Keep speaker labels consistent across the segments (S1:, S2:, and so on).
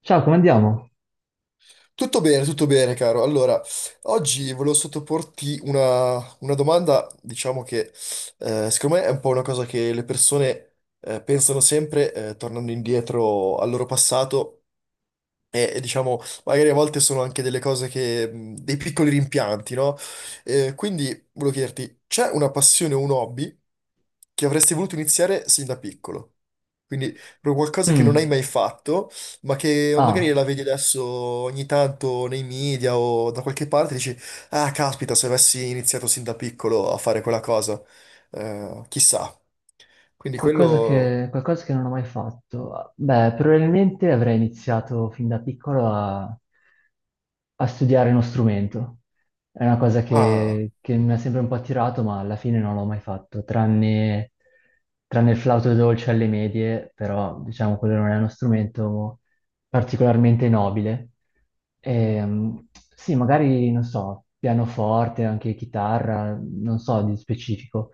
S1: Ciao, come andiamo?
S2: Tutto bene, caro. Allora, oggi volevo sottoporti una domanda, diciamo che secondo me è un po' una cosa che le persone pensano sempre tornando indietro al loro passato e diciamo, magari a volte sono anche delle cose che, dei piccoli rimpianti, no? Quindi volevo chiederti, c'è una passione o un hobby che avresti voluto iniziare sin da piccolo? Quindi proprio qualcosa che non hai
S1: Mm.
S2: mai fatto, ma che magari
S1: Ah,
S2: la vedi adesso ogni tanto nei media o da qualche parte, dici, ah, caspita, se avessi iniziato sin da piccolo a fare quella cosa, chissà. Quindi
S1: qualcosa
S2: quello...
S1: che, qualcosa che non ho mai fatto. Beh, probabilmente avrei iniziato fin da piccolo a studiare uno strumento. È una cosa
S2: Ah.
S1: che mi ha sempre un po' attirato, ma alla fine non l'ho mai fatto, tranne il flauto dolce alle medie, però diciamo quello non è uno strumento particolarmente nobile. Ehm, sì, magari, non so, pianoforte, anche chitarra, non so di specifico,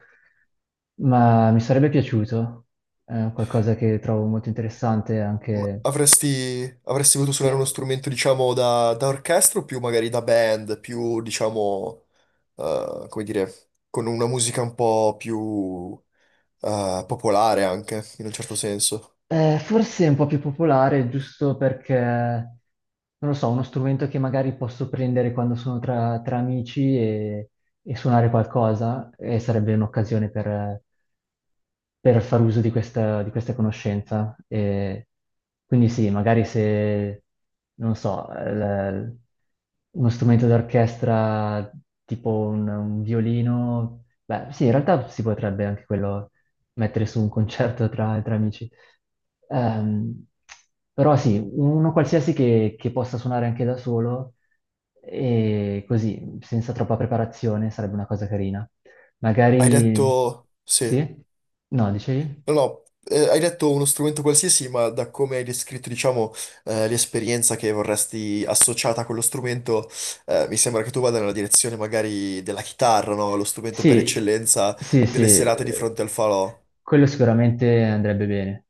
S1: ma mi sarebbe piaciuto. È qualcosa che trovo molto interessante
S2: Ma
S1: anche.
S2: Avresti, avresti voluto suonare uno
S1: Sì?
S2: strumento, diciamo, da orchestra o più magari da band, più, diciamo, come dire, con una musica un po' più popolare anche, in un certo senso.
S1: Forse è un po' più popolare, giusto perché, non lo so, uno strumento che magari posso prendere quando sono tra amici e suonare qualcosa, e sarebbe un'occasione per far uso di questa conoscenza. E quindi sì, magari se, non so, uno strumento d'orchestra tipo un violino, beh sì, in realtà si potrebbe anche quello mettere su un concerto tra amici. Ehm, Però sì, uno qualsiasi che possa suonare anche da solo e così, senza troppa preparazione, sarebbe una cosa carina.
S2: Hai detto,
S1: Magari.
S2: sì,
S1: Sì? No, dicevi?
S2: no, no, hai detto uno strumento qualsiasi, ma da come hai descritto, diciamo, l'esperienza che vorresti associata a quello strumento, mi sembra che tu vada nella direzione magari della chitarra, no? Lo strumento per
S1: Sì,
S2: eccellenza
S1: sì, sì,
S2: delle serate di fronte al falò.
S1: quello sicuramente andrebbe bene.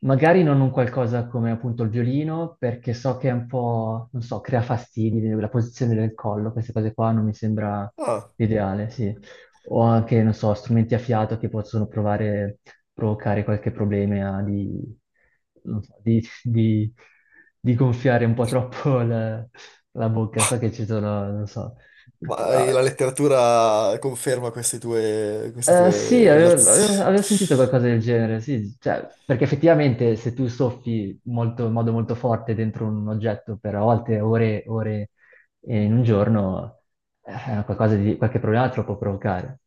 S1: Magari non un qualcosa come appunto il violino, perché so che è un po', non so, crea fastidi, la posizione del collo, queste cose qua non mi sembra
S2: Ah,
S1: l'ideale, sì. O anche, non so, strumenti a fiato che possono provocare qualche problema di, non so, di gonfiare un po' troppo la bocca. So che ci sono, non so.
S2: ma la letteratura conferma queste tue, queste
S1: Eh, sì,
S2: tue
S1: avevo, avevo-
S2: illaz-
S1: avevo sentito qualcosa del genere, sì, cioè, perché effettivamente se tu soffi in modo molto forte dentro un oggetto per a volte ore e ore, in un giorno, qualche problema te lo può provocare.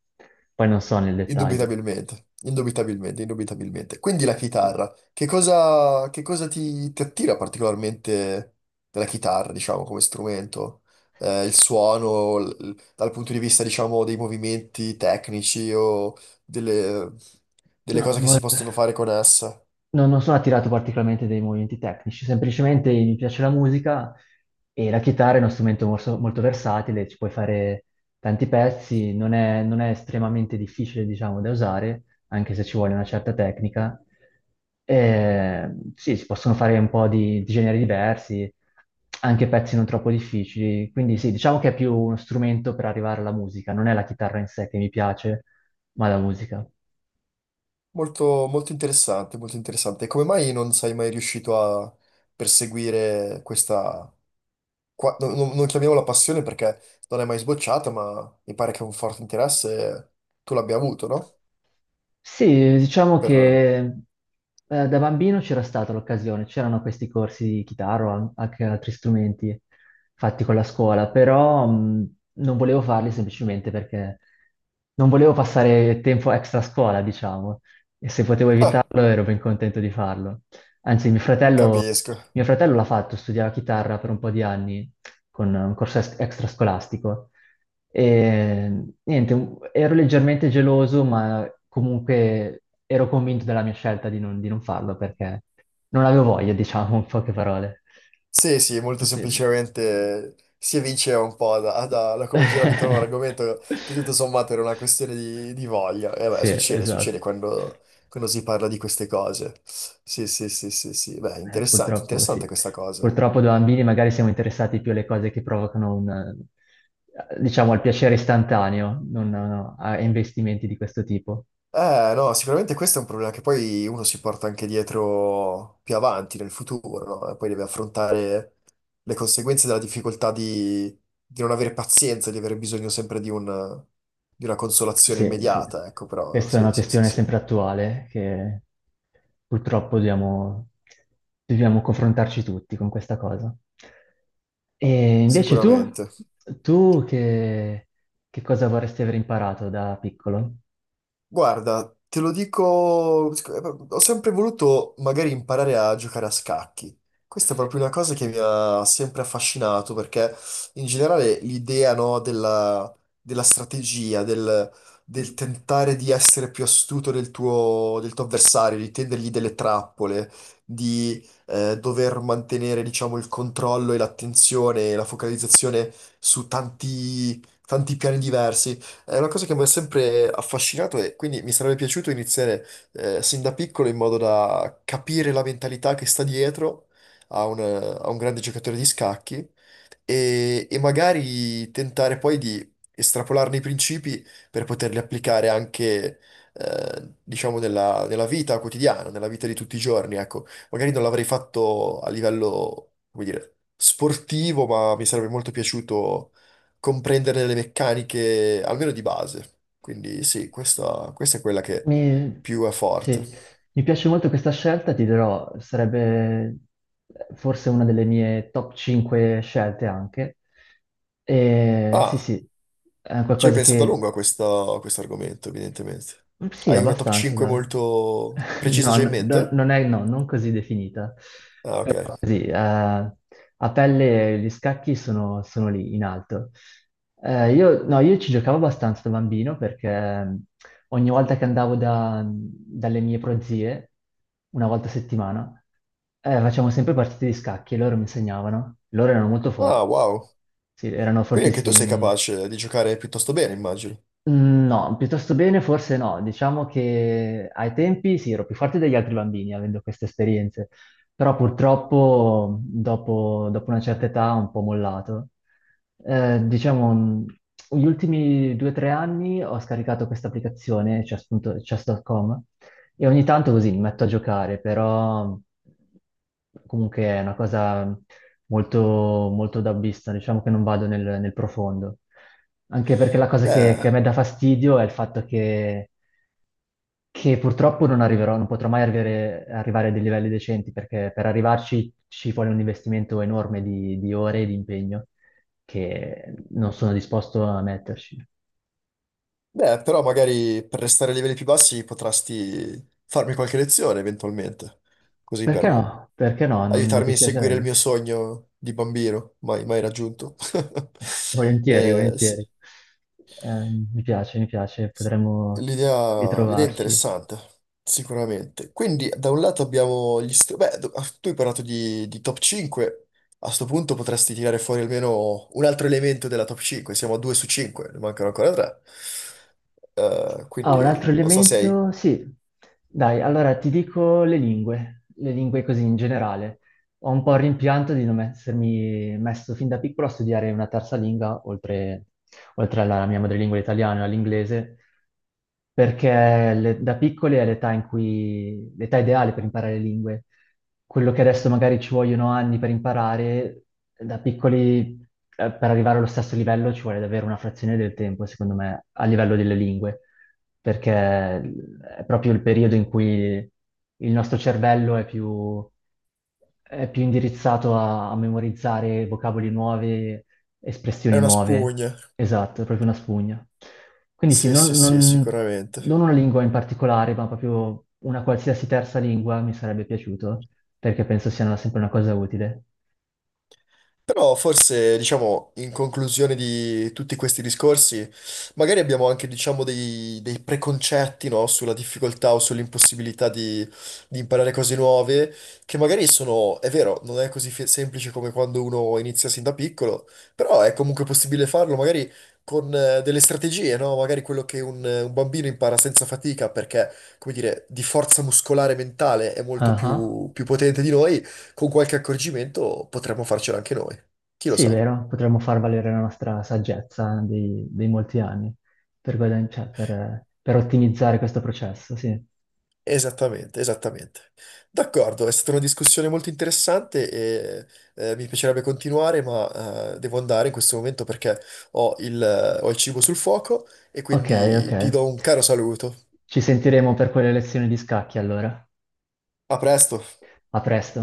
S1: Poi non so nel dettaglio.
S2: Indubitabilmente, indubitabilmente, indubitabilmente. Quindi la chitarra, che cosa ti, ti attira particolarmente della chitarra, diciamo, come strumento? Il suono, l- dal punto di vista, diciamo, dei movimenti tecnici o delle, delle
S1: No,
S2: cose che si possono fare con essa?
S1: non sono attirato particolarmente dai movimenti tecnici, semplicemente mi piace la musica e la chitarra è uno strumento molto, versatile, ci puoi fare tanti pezzi, non è estremamente difficile, diciamo, da usare, anche se ci vuole una certa tecnica. Sì, si possono fare un po' di generi diversi, anche pezzi non troppo difficili, quindi sì, diciamo che è più uno strumento per arrivare alla musica, non è la chitarra in sé che mi piace, ma la musica.
S2: Molto, molto interessante, molto interessante. E come mai non sei mai riuscito a perseguire questa, qua- no- no- non chiamiamola passione perché non è mai sbocciata, ma mi pare che un forte interesse tu l'abbia avuto, no?
S1: Sì, diciamo
S2: Per...
S1: che da bambino c'era stata l'occasione, c'erano questi corsi di chitarra o anche altri strumenti fatti con la scuola, però non volevo farli semplicemente perché non volevo passare tempo extra a scuola, diciamo, e se potevo
S2: Ah,
S1: evitarlo ero ben contento di farlo. Anzi, mio fratello,
S2: capisco.
S1: mio fratello l'ha fatto, studiava chitarra per un po' di anni con un corso extrascolastico e niente, ero leggermente geloso, ma comunque ero convinto della mia scelta di non farlo perché non avevo voglia, diciamo, in poche parole.
S2: Sì, sì, molto
S1: Sì.
S2: semplicemente si evinceva un po' da, da- da come girava intorno all'argomento che tutto sommato era una questione di voglia. E beh,
S1: Sì,
S2: succede, succede
S1: esatto.
S2: quando, quando si parla di queste cose. Sì, sì, sì, sì, sì. Beh, interessante,
S1: Purtroppo
S2: interessante
S1: sì.
S2: questa cosa.
S1: Purtroppo da bambini magari siamo interessati più alle cose che provocano diciamo, il piacere istantaneo, non a investimenti di questo tipo.
S2: No, sicuramente questo è un problema che poi uno si porta anche dietro più avanti nel futuro, no? E poi deve affrontare le conseguenze della difficoltà di non avere pazienza, di avere bisogno sempre di un- di una consolazione
S1: Sì, sì.
S2: immediata, ecco, però
S1: Questa è
S2: sì,
S1: una
S2: sì, sì,
S1: questione
S2: sì,
S1: sempre attuale che purtroppo dobbiamo confrontarci tutti con questa cosa. E invece tu,
S2: sicuramente.
S1: tu che, cosa vorresti aver imparato da piccolo?
S2: Guarda, te lo dico, ho sempre voluto magari imparare a giocare a scacchi. Questa è proprio una cosa che mi ha sempre affascinato perché in generale l'idea, no, della, della strategia, del, del tentare di essere più astuto del tuo avversario, di tendergli delle trappole, di dover mantenere, diciamo, il controllo e l'attenzione e la focalizzazione su tanti tanti piani diversi. È una cosa che mi ha sempre affascinato e quindi mi sarebbe piaciuto iniziare sin da piccolo in modo da capire la mentalità che sta dietro a un grande giocatore di scacchi e magari tentare poi di estrapolarne i principi per poterli applicare anche, diciamo, nella, nella vita quotidiana, nella vita di tutti i giorni. Ecco, magari non l'avrei fatto a livello, come dire, sportivo, ma mi sarebbe molto piaciuto comprendere le meccaniche, almeno di base. Quindi sì, questa è quella che
S1: Mi,
S2: più è forte.
S1: sì, mi piace molto questa scelta, ti dirò, sarebbe forse una delle mie top 5 scelte anche. E, sì,
S2: Ah,
S1: sì, è
S2: ci hai
S1: qualcosa
S2: pensato a
S1: che.
S2: lungo a questo argomento, evidentemente.
S1: Sì,
S2: Hai una top
S1: abbastanza,
S2: 5
S1: dai.
S2: molto precisa
S1: No,
S2: già in
S1: no, no,
S2: mente?
S1: non è, no, non così definita.
S2: Ah, ok.
S1: Sì, a pelle gli scacchi sono lì in alto. Io, no, io ci giocavo abbastanza da bambino perché ogni volta che andavo dalle mie prozie, una volta a settimana, facevamo sempre partite di scacchi e loro mi insegnavano. Loro erano molto forti,
S2: Ah, wow.
S1: sì, erano
S2: Quindi anche tu sei
S1: fortissimi.
S2: capace di giocare piuttosto bene, immagino.
S1: No, piuttosto bene, forse no. Diciamo che ai tempi sì, ero più forte degli altri bambini avendo queste esperienze, però purtroppo dopo una certa età ho un po' mollato. Diciamo, gli ultimi 2 o 3 anni ho scaricato questa applicazione, chess.com, e ogni tanto così mi metto a giocare, però comunque è una cosa molto, molto dabbista, diciamo che non vado nel profondo. Anche perché la cosa che
S2: Beh,
S1: a me dà fastidio è il fatto che purtroppo non arriverò, non potrò mai arrivare a dei livelli decenti, perché per arrivarci ci vuole un investimento enorme di ore e di impegno che non sono disposto a metterci.
S2: beh, però magari per restare a livelli più bassi potresti farmi qualche lezione eventualmente. Così
S1: Perché
S2: per
S1: no? Perché no? Non mi
S2: aiutarmi a seguire il
S1: dispiacerebbe.
S2: mio sogno di bambino, mai, mai raggiunto.
S1: Volentieri,
S2: Sì.
S1: volentieri. Mi piace,
S2: sì.
S1: potremmo
S2: L'idea è
S1: ritrovarci.
S2: interessante, sicuramente. Quindi, da un lato abbiamo gli str- Beh, do- ah, tu hai parlato di top 5. A sto punto potresti tirare fuori almeno un altro elemento della top 5. Siamo a 2 su 5, ne mancano ancora 3.
S1: Ah, un
S2: Quindi,
S1: altro
S2: non so se hai...
S1: elemento? Sì. Dai, allora ti dico le lingue così in generale. Ho un po' il rimpianto di non essermi messo fin da piccolo a studiare una terza lingua, oltre alla mia madrelingua italiana e all'inglese, perché da piccoli è l'età in cui, l'età ideale per imparare le lingue. Quello che adesso magari ci vogliono anni per imparare, da piccoli, per arrivare allo stesso livello ci vuole davvero una frazione del tempo, secondo me, a livello delle lingue, perché è proprio il periodo in cui il nostro cervello è più indirizzato a memorizzare vocaboli nuove,
S2: È
S1: espressioni
S2: una
S1: nuove.
S2: spugna.
S1: Esatto, è proprio una spugna. Quindi sì,
S2: Sì,
S1: non,
S2: sì, sì,
S1: non- non
S2: sicuramente.
S1: una lingua in particolare, ma proprio una qualsiasi terza lingua mi sarebbe piaciuto, perché penso sia sempre una cosa utile.
S2: Però forse, diciamo, in conclusione di tutti questi discorsi, magari abbiamo anche, diciamo, dei, dei preconcetti, no? Sulla difficoltà o sull'impossibilità di imparare cose nuove, che magari sono, è vero, non è così fe- semplice come quando uno inizia sin da piccolo, però è comunque possibile farlo, magari con delle strategie, no? Magari quello che un bambino impara senza fatica, perché, come dire, di forza muscolare e mentale è molto
S1: Ah,
S2: più potente di noi, con qualche accorgimento potremmo farcela anche noi. Chi lo
S1: sì,
S2: sa?
S1: vero, potremmo far valere la nostra saggezza dei molti anni cioè, per ottimizzare questo processo, sì.
S2: Esattamente, esattamente. D'accordo, è stata una discussione molto interessante e mi piacerebbe continuare, ma devo andare in questo momento perché ho il ho il cibo sul fuoco e
S1: Ok, ok.
S2: quindi ti do un caro saluto.
S1: Ci sentiremo per quelle lezioni di scacchi allora.
S2: A presto!
S1: A presto.